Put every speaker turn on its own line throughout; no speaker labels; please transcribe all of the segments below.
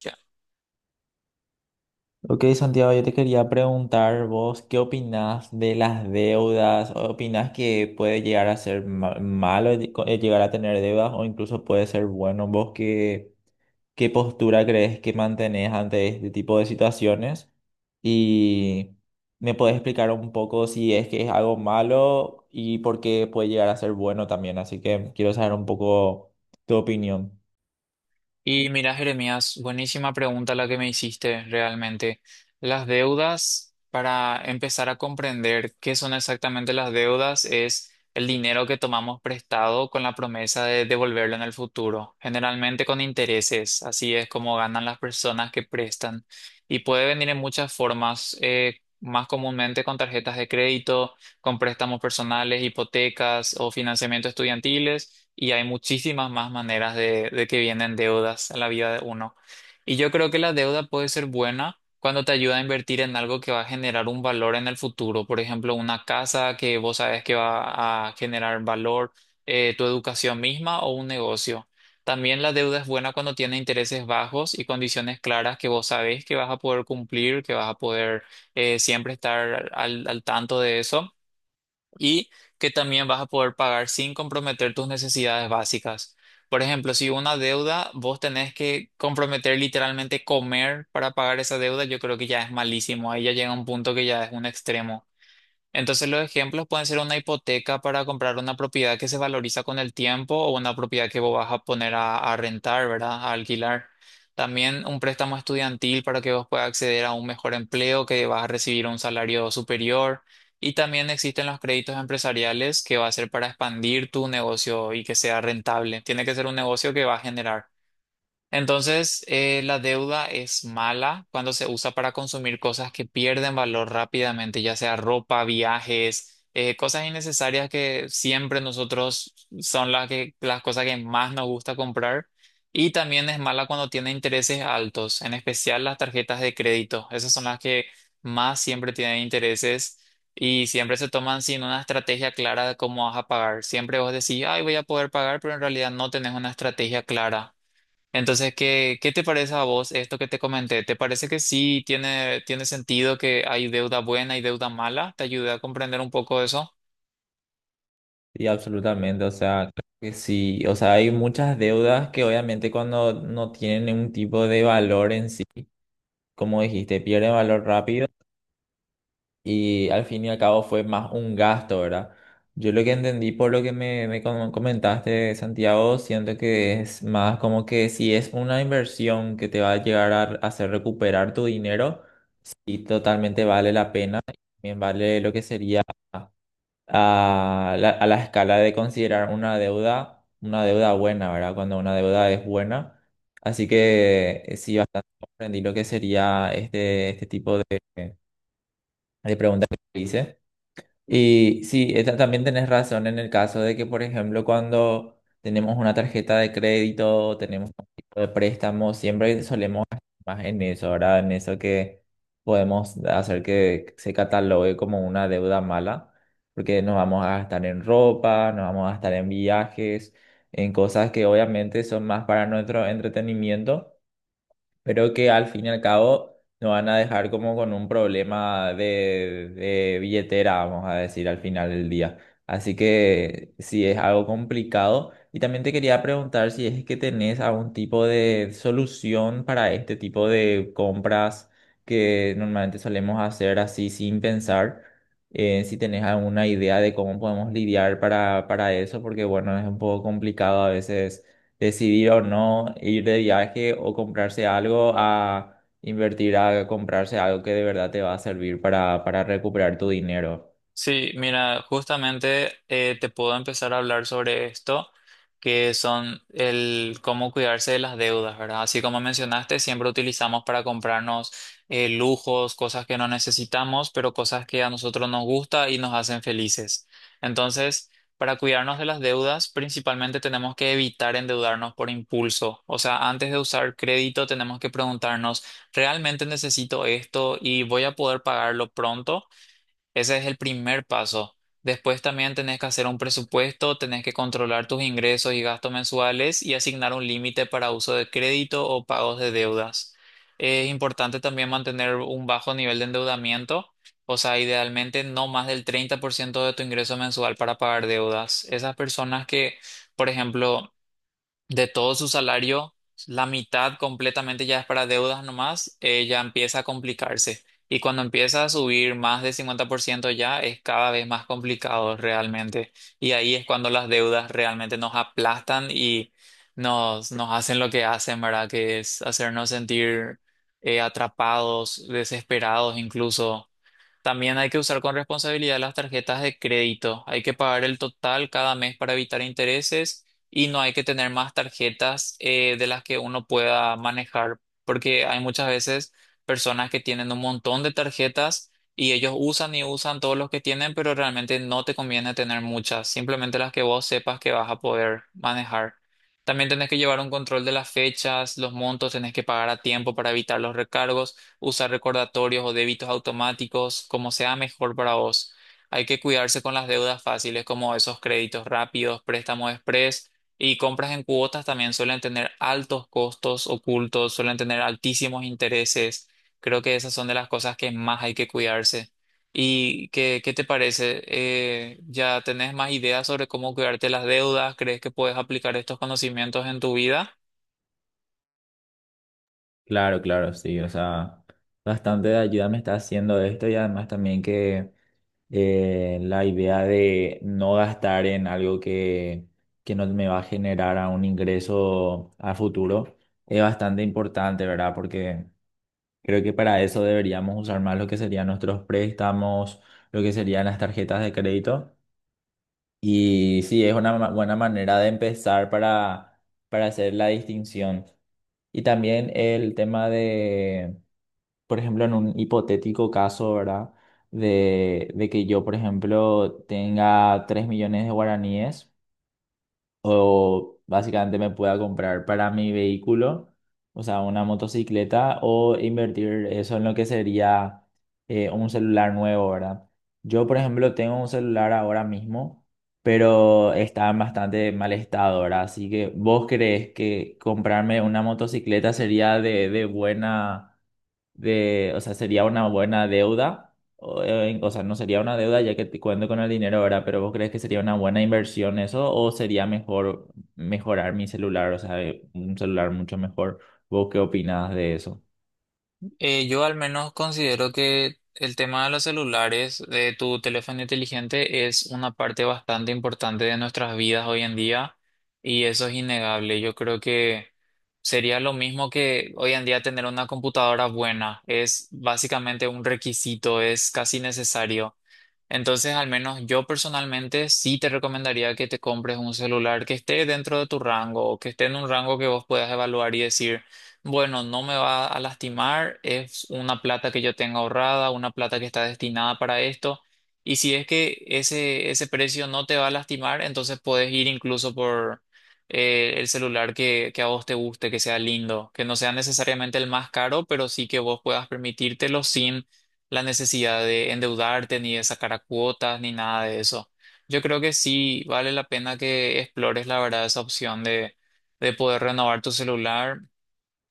Ya.
Ok, Santiago, yo te quería preguntar vos, ¿qué opinás de las deudas? ¿Opinás que puede llegar a ser malo el llegar a tener deudas o incluso puede ser bueno? ¿Vos qué postura crees que mantenés ante este tipo de situaciones? Y me puedes explicar un poco si es que es algo malo y por qué puede llegar a ser bueno también. Así que quiero saber un poco tu opinión.
Y mira, Jeremías, buenísima pregunta la que me hiciste realmente. Las deudas, para empezar a comprender qué son exactamente las deudas, es el dinero que tomamos prestado con la promesa de devolverlo en el futuro, generalmente con intereses. Así es como ganan las personas que prestan. Y puede venir en muchas formas, más comúnmente con tarjetas de crédito, con préstamos personales, hipotecas o financiamiento estudiantiles. Y hay muchísimas más maneras de que vienen deudas a la vida de uno. Y yo creo que la deuda puede ser buena cuando te ayuda a invertir en algo que va a generar un valor en el futuro. Por ejemplo, una casa que vos sabes que va a generar valor, tu educación misma o un negocio. También la deuda es buena cuando tiene intereses bajos y condiciones claras que vos sabés que vas a poder cumplir, que vas a poder siempre estar al tanto de eso y que también vas a poder pagar sin comprometer tus necesidades básicas. Por ejemplo, si una deuda, vos tenés que comprometer literalmente comer para pagar esa deuda, yo creo que ya es malísimo. Ahí ya llega un punto que ya es un extremo. Entonces los ejemplos pueden ser una hipoteca para comprar una propiedad que se valoriza con el tiempo o una propiedad que vos vas a poner a rentar, ¿verdad? A alquilar. También un préstamo estudiantil para que vos puedas acceder a un mejor empleo, que vas a recibir un salario superior. Y también existen los créditos empresariales que va a ser para expandir tu negocio y que sea rentable. Tiene que ser un negocio que va a generar. Entonces, la deuda es mala cuando se usa para consumir cosas que pierden valor rápidamente, ya sea ropa, viajes, cosas innecesarias que siempre nosotros son las que, las cosas que más nos gusta comprar. Y también es mala cuando tiene intereses altos, en especial las tarjetas de crédito. Esas son las que más siempre tienen intereses y siempre se toman sin una estrategia clara de cómo vas a pagar. Siempre vos decís, ay, voy a poder pagar, pero en realidad no tenés una estrategia clara. Entonces, ¿qué te parece a vos esto que te comenté? ¿Te parece que sí tiene sentido que hay deuda buena y deuda mala? ¿Te ayuda a comprender un poco eso?
Sí, absolutamente, o sea, creo que sí, o sea, hay muchas deudas que obviamente cuando no tienen un tipo de valor en sí, como dijiste, pierde valor rápido y al fin y al cabo fue más un gasto, ¿verdad? Yo lo que entendí por lo que comentaste, Santiago, siento que es más como que si es una inversión que te va a llegar a hacer recuperar tu dinero, sí, totalmente vale la pena, también vale lo que sería a la escala de considerar una deuda buena, ¿verdad? Cuando una deuda es buena. Así que sí, bastante comprendí lo que sería este, este tipo de preguntas que hice. Y sí, también tenés razón en el caso de que, por ejemplo, cuando tenemos una tarjeta de crédito, tenemos un tipo de préstamo, siempre solemos gastar más en eso, ¿verdad? En eso que podemos hacer que se catalogue como una deuda mala, porque nos vamos a gastar en ropa, nos vamos a gastar en viajes, en cosas que obviamente son más para nuestro entretenimiento pero que al fin y al cabo nos van a dejar como con un problema de billetera, vamos a decir, al final del día. Así que sí es algo complicado. Y también te quería preguntar si es que tenés algún tipo de solución para este tipo de compras que normalmente solemos hacer así sin pensar. Si tenés alguna idea de cómo podemos lidiar para eso, porque bueno, es un poco complicado a veces decidir o no ir de viaje o comprarse algo a invertir a comprarse algo que de verdad te va a servir para recuperar tu dinero.
Sí, mira, justamente te puedo empezar a hablar sobre esto, que son el cómo cuidarse de las deudas, ¿verdad? Así como mencionaste, siempre utilizamos para comprarnos lujos, cosas que no necesitamos, pero cosas que a nosotros nos gusta y nos hacen felices. Entonces, para cuidarnos de las deudas, principalmente tenemos que evitar endeudarnos por impulso. O sea, antes de usar crédito, tenemos que preguntarnos, ¿realmente necesito esto y voy a poder pagarlo pronto? Ese es el primer paso. Después también tenés que hacer un presupuesto, tenés que controlar tus ingresos y gastos mensuales y asignar un límite para uso de crédito o pagos de deudas. Es importante también mantener un bajo nivel de endeudamiento, o sea, idealmente no más del 30% de tu ingreso mensual para pagar deudas. Esas personas que, por ejemplo, de todo su salario, la mitad completamente ya es para deudas nomás, ya empieza a complicarse. Y cuando empieza a subir más de 50% ya es cada vez más complicado realmente. Y ahí es cuando las deudas realmente nos aplastan y nos hacen lo que hacen, ¿verdad? Que es hacernos sentir atrapados, desesperados incluso. También hay que usar con responsabilidad las tarjetas de crédito. Hay que pagar el total cada mes para evitar intereses y no hay que tener más tarjetas de las que uno pueda manejar, porque hay muchas veces personas que tienen un montón de tarjetas y ellos usan y usan todos los que tienen, pero realmente no te conviene tener muchas, simplemente las que vos sepas que vas a poder manejar. También tenés que llevar un control de las fechas, los montos, tenés que pagar a tiempo para evitar los recargos, usar recordatorios o débitos automáticos, como sea mejor para vos. Hay que cuidarse con las deudas fáciles como esos créditos rápidos, préstamos express y compras en cuotas también suelen tener altos costos ocultos, suelen tener altísimos intereses. Creo que esas son de las cosas que más hay que cuidarse. ¿Y qué te parece? ¿Ya tenés más ideas sobre cómo cuidarte las deudas? ¿Crees que puedes aplicar estos conocimientos en tu vida?
Claro, claro, sí, o sea, bastante de ayuda me está haciendo esto y además también que la idea de no gastar en algo que no me va a generar a un ingreso a futuro es bastante importante, ¿verdad? Porque creo que para eso deberíamos usar más lo que serían nuestros préstamos, lo que serían las tarjetas de crédito. Y sí, es una buena manera de empezar para hacer la distinción. Y también el tema por ejemplo, en un hipotético caso, ¿verdad? De que yo, por ejemplo, tenga 3 millones de guaraníes o básicamente me pueda comprar para mi vehículo, o sea, una motocicleta, o invertir eso en lo que sería un celular nuevo, ¿verdad? Yo, por ejemplo, tengo un celular ahora mismo, pero está en bastante mal estado, ¿verdad? Así que, ¿vos crees que comprarme una motocicleta sería de buena, de, o sea, sería una buena deuda? O sea, no sería una deuda ya que te cuento con el dinero ahora, pero ¿vos crees que sería una buena inversión eso o sería mejor mejorar mi celular, o sea, un celular mucho mejor? ¿Vos qué opinás de eso?
Yo al menos considero que el tema de los celulares, de tu teléfono inteligente, es una parte bastante importante de nuestras vidas hoy en día y eso es innegable. Yo creo que sería lo mismo que hoy en día tener una computadora buena. Es básicamente un requisito, es casi necesario. Entonces, al menos yo personalmente sí te recomendaría que te compres un celular que esté dentro de tu rango o que esté en un rango que vos puedas evaluar y decir. Bueno, no me va a lastimar, es una plata que yo tengo ahorrada, una plata que está destinada para esto. Y si es que ese precio no te va a lastimar, entonces puedes ir incluso por el celular que a vos te guste, que sea lindo, que no sea necesariamente el más caro, pero sí que vos puedas permitírtelo sin la necesidad de endeudarte, ni de sacar a cuotas, ni nada de eso. Yo creo que sí vale la pena que explores la verdad esa opción de poder renovar tu celular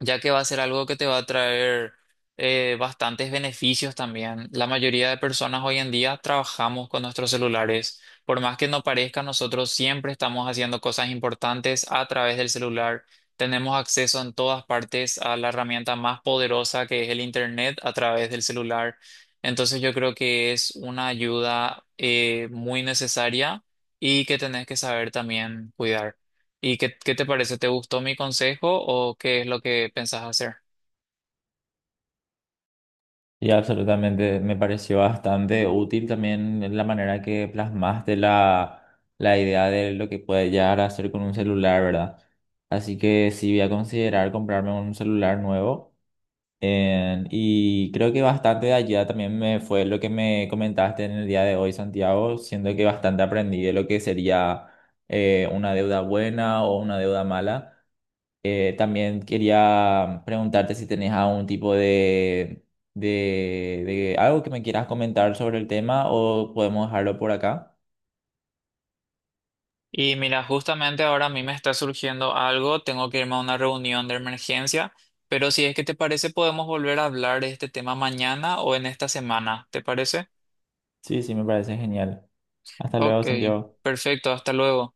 ya que va a ser algo que te va a traer bastantes beneficios también. La mayoría de personas hoy en día trabajamos con nuestros celulares. Por más que no parezca, nosotros siempre estamos haciendo cosas importantes a través del celular. Tenemos acceso en todas partes a la herramienta más poderosa que es el Internet a través del celular. Entonces yo creo que es una ayuda muy necesaria y que tenés que saber también cuidar. ¿Y qué te parece? ¿Te gustó mi consejo o qué es lo que pensás hacer?
Y absolutamente, me pareció bastante útil también la manera que plasmaste la, la idea de lo que puede llegar a hacer con un celular, ¿verdad? Así que sí voy a considerar comprarme un celular nuevo. Y creo que bastante de allá también me fue lo que me comentaste en el día de hoy, Santiago, siendo que bastante aprendí de lo que sería una deuda buena o una deuda mala. También quería preguntarte si tenés algún tipo de algo que me quieras comentar sobre el tema o podemos dejarlo por acá.
Y mira, justamente ahora a mí me está surgiendo algo, tengo que irme a una reunión de emergencia, pero si es que te parece podemos volver a hablar de este tema mañana o en esta semana, ¿te parece?
Sí, sí, me parece genial. Hasta luego,
Ok,
Santiago.
perfecto, hasta luego.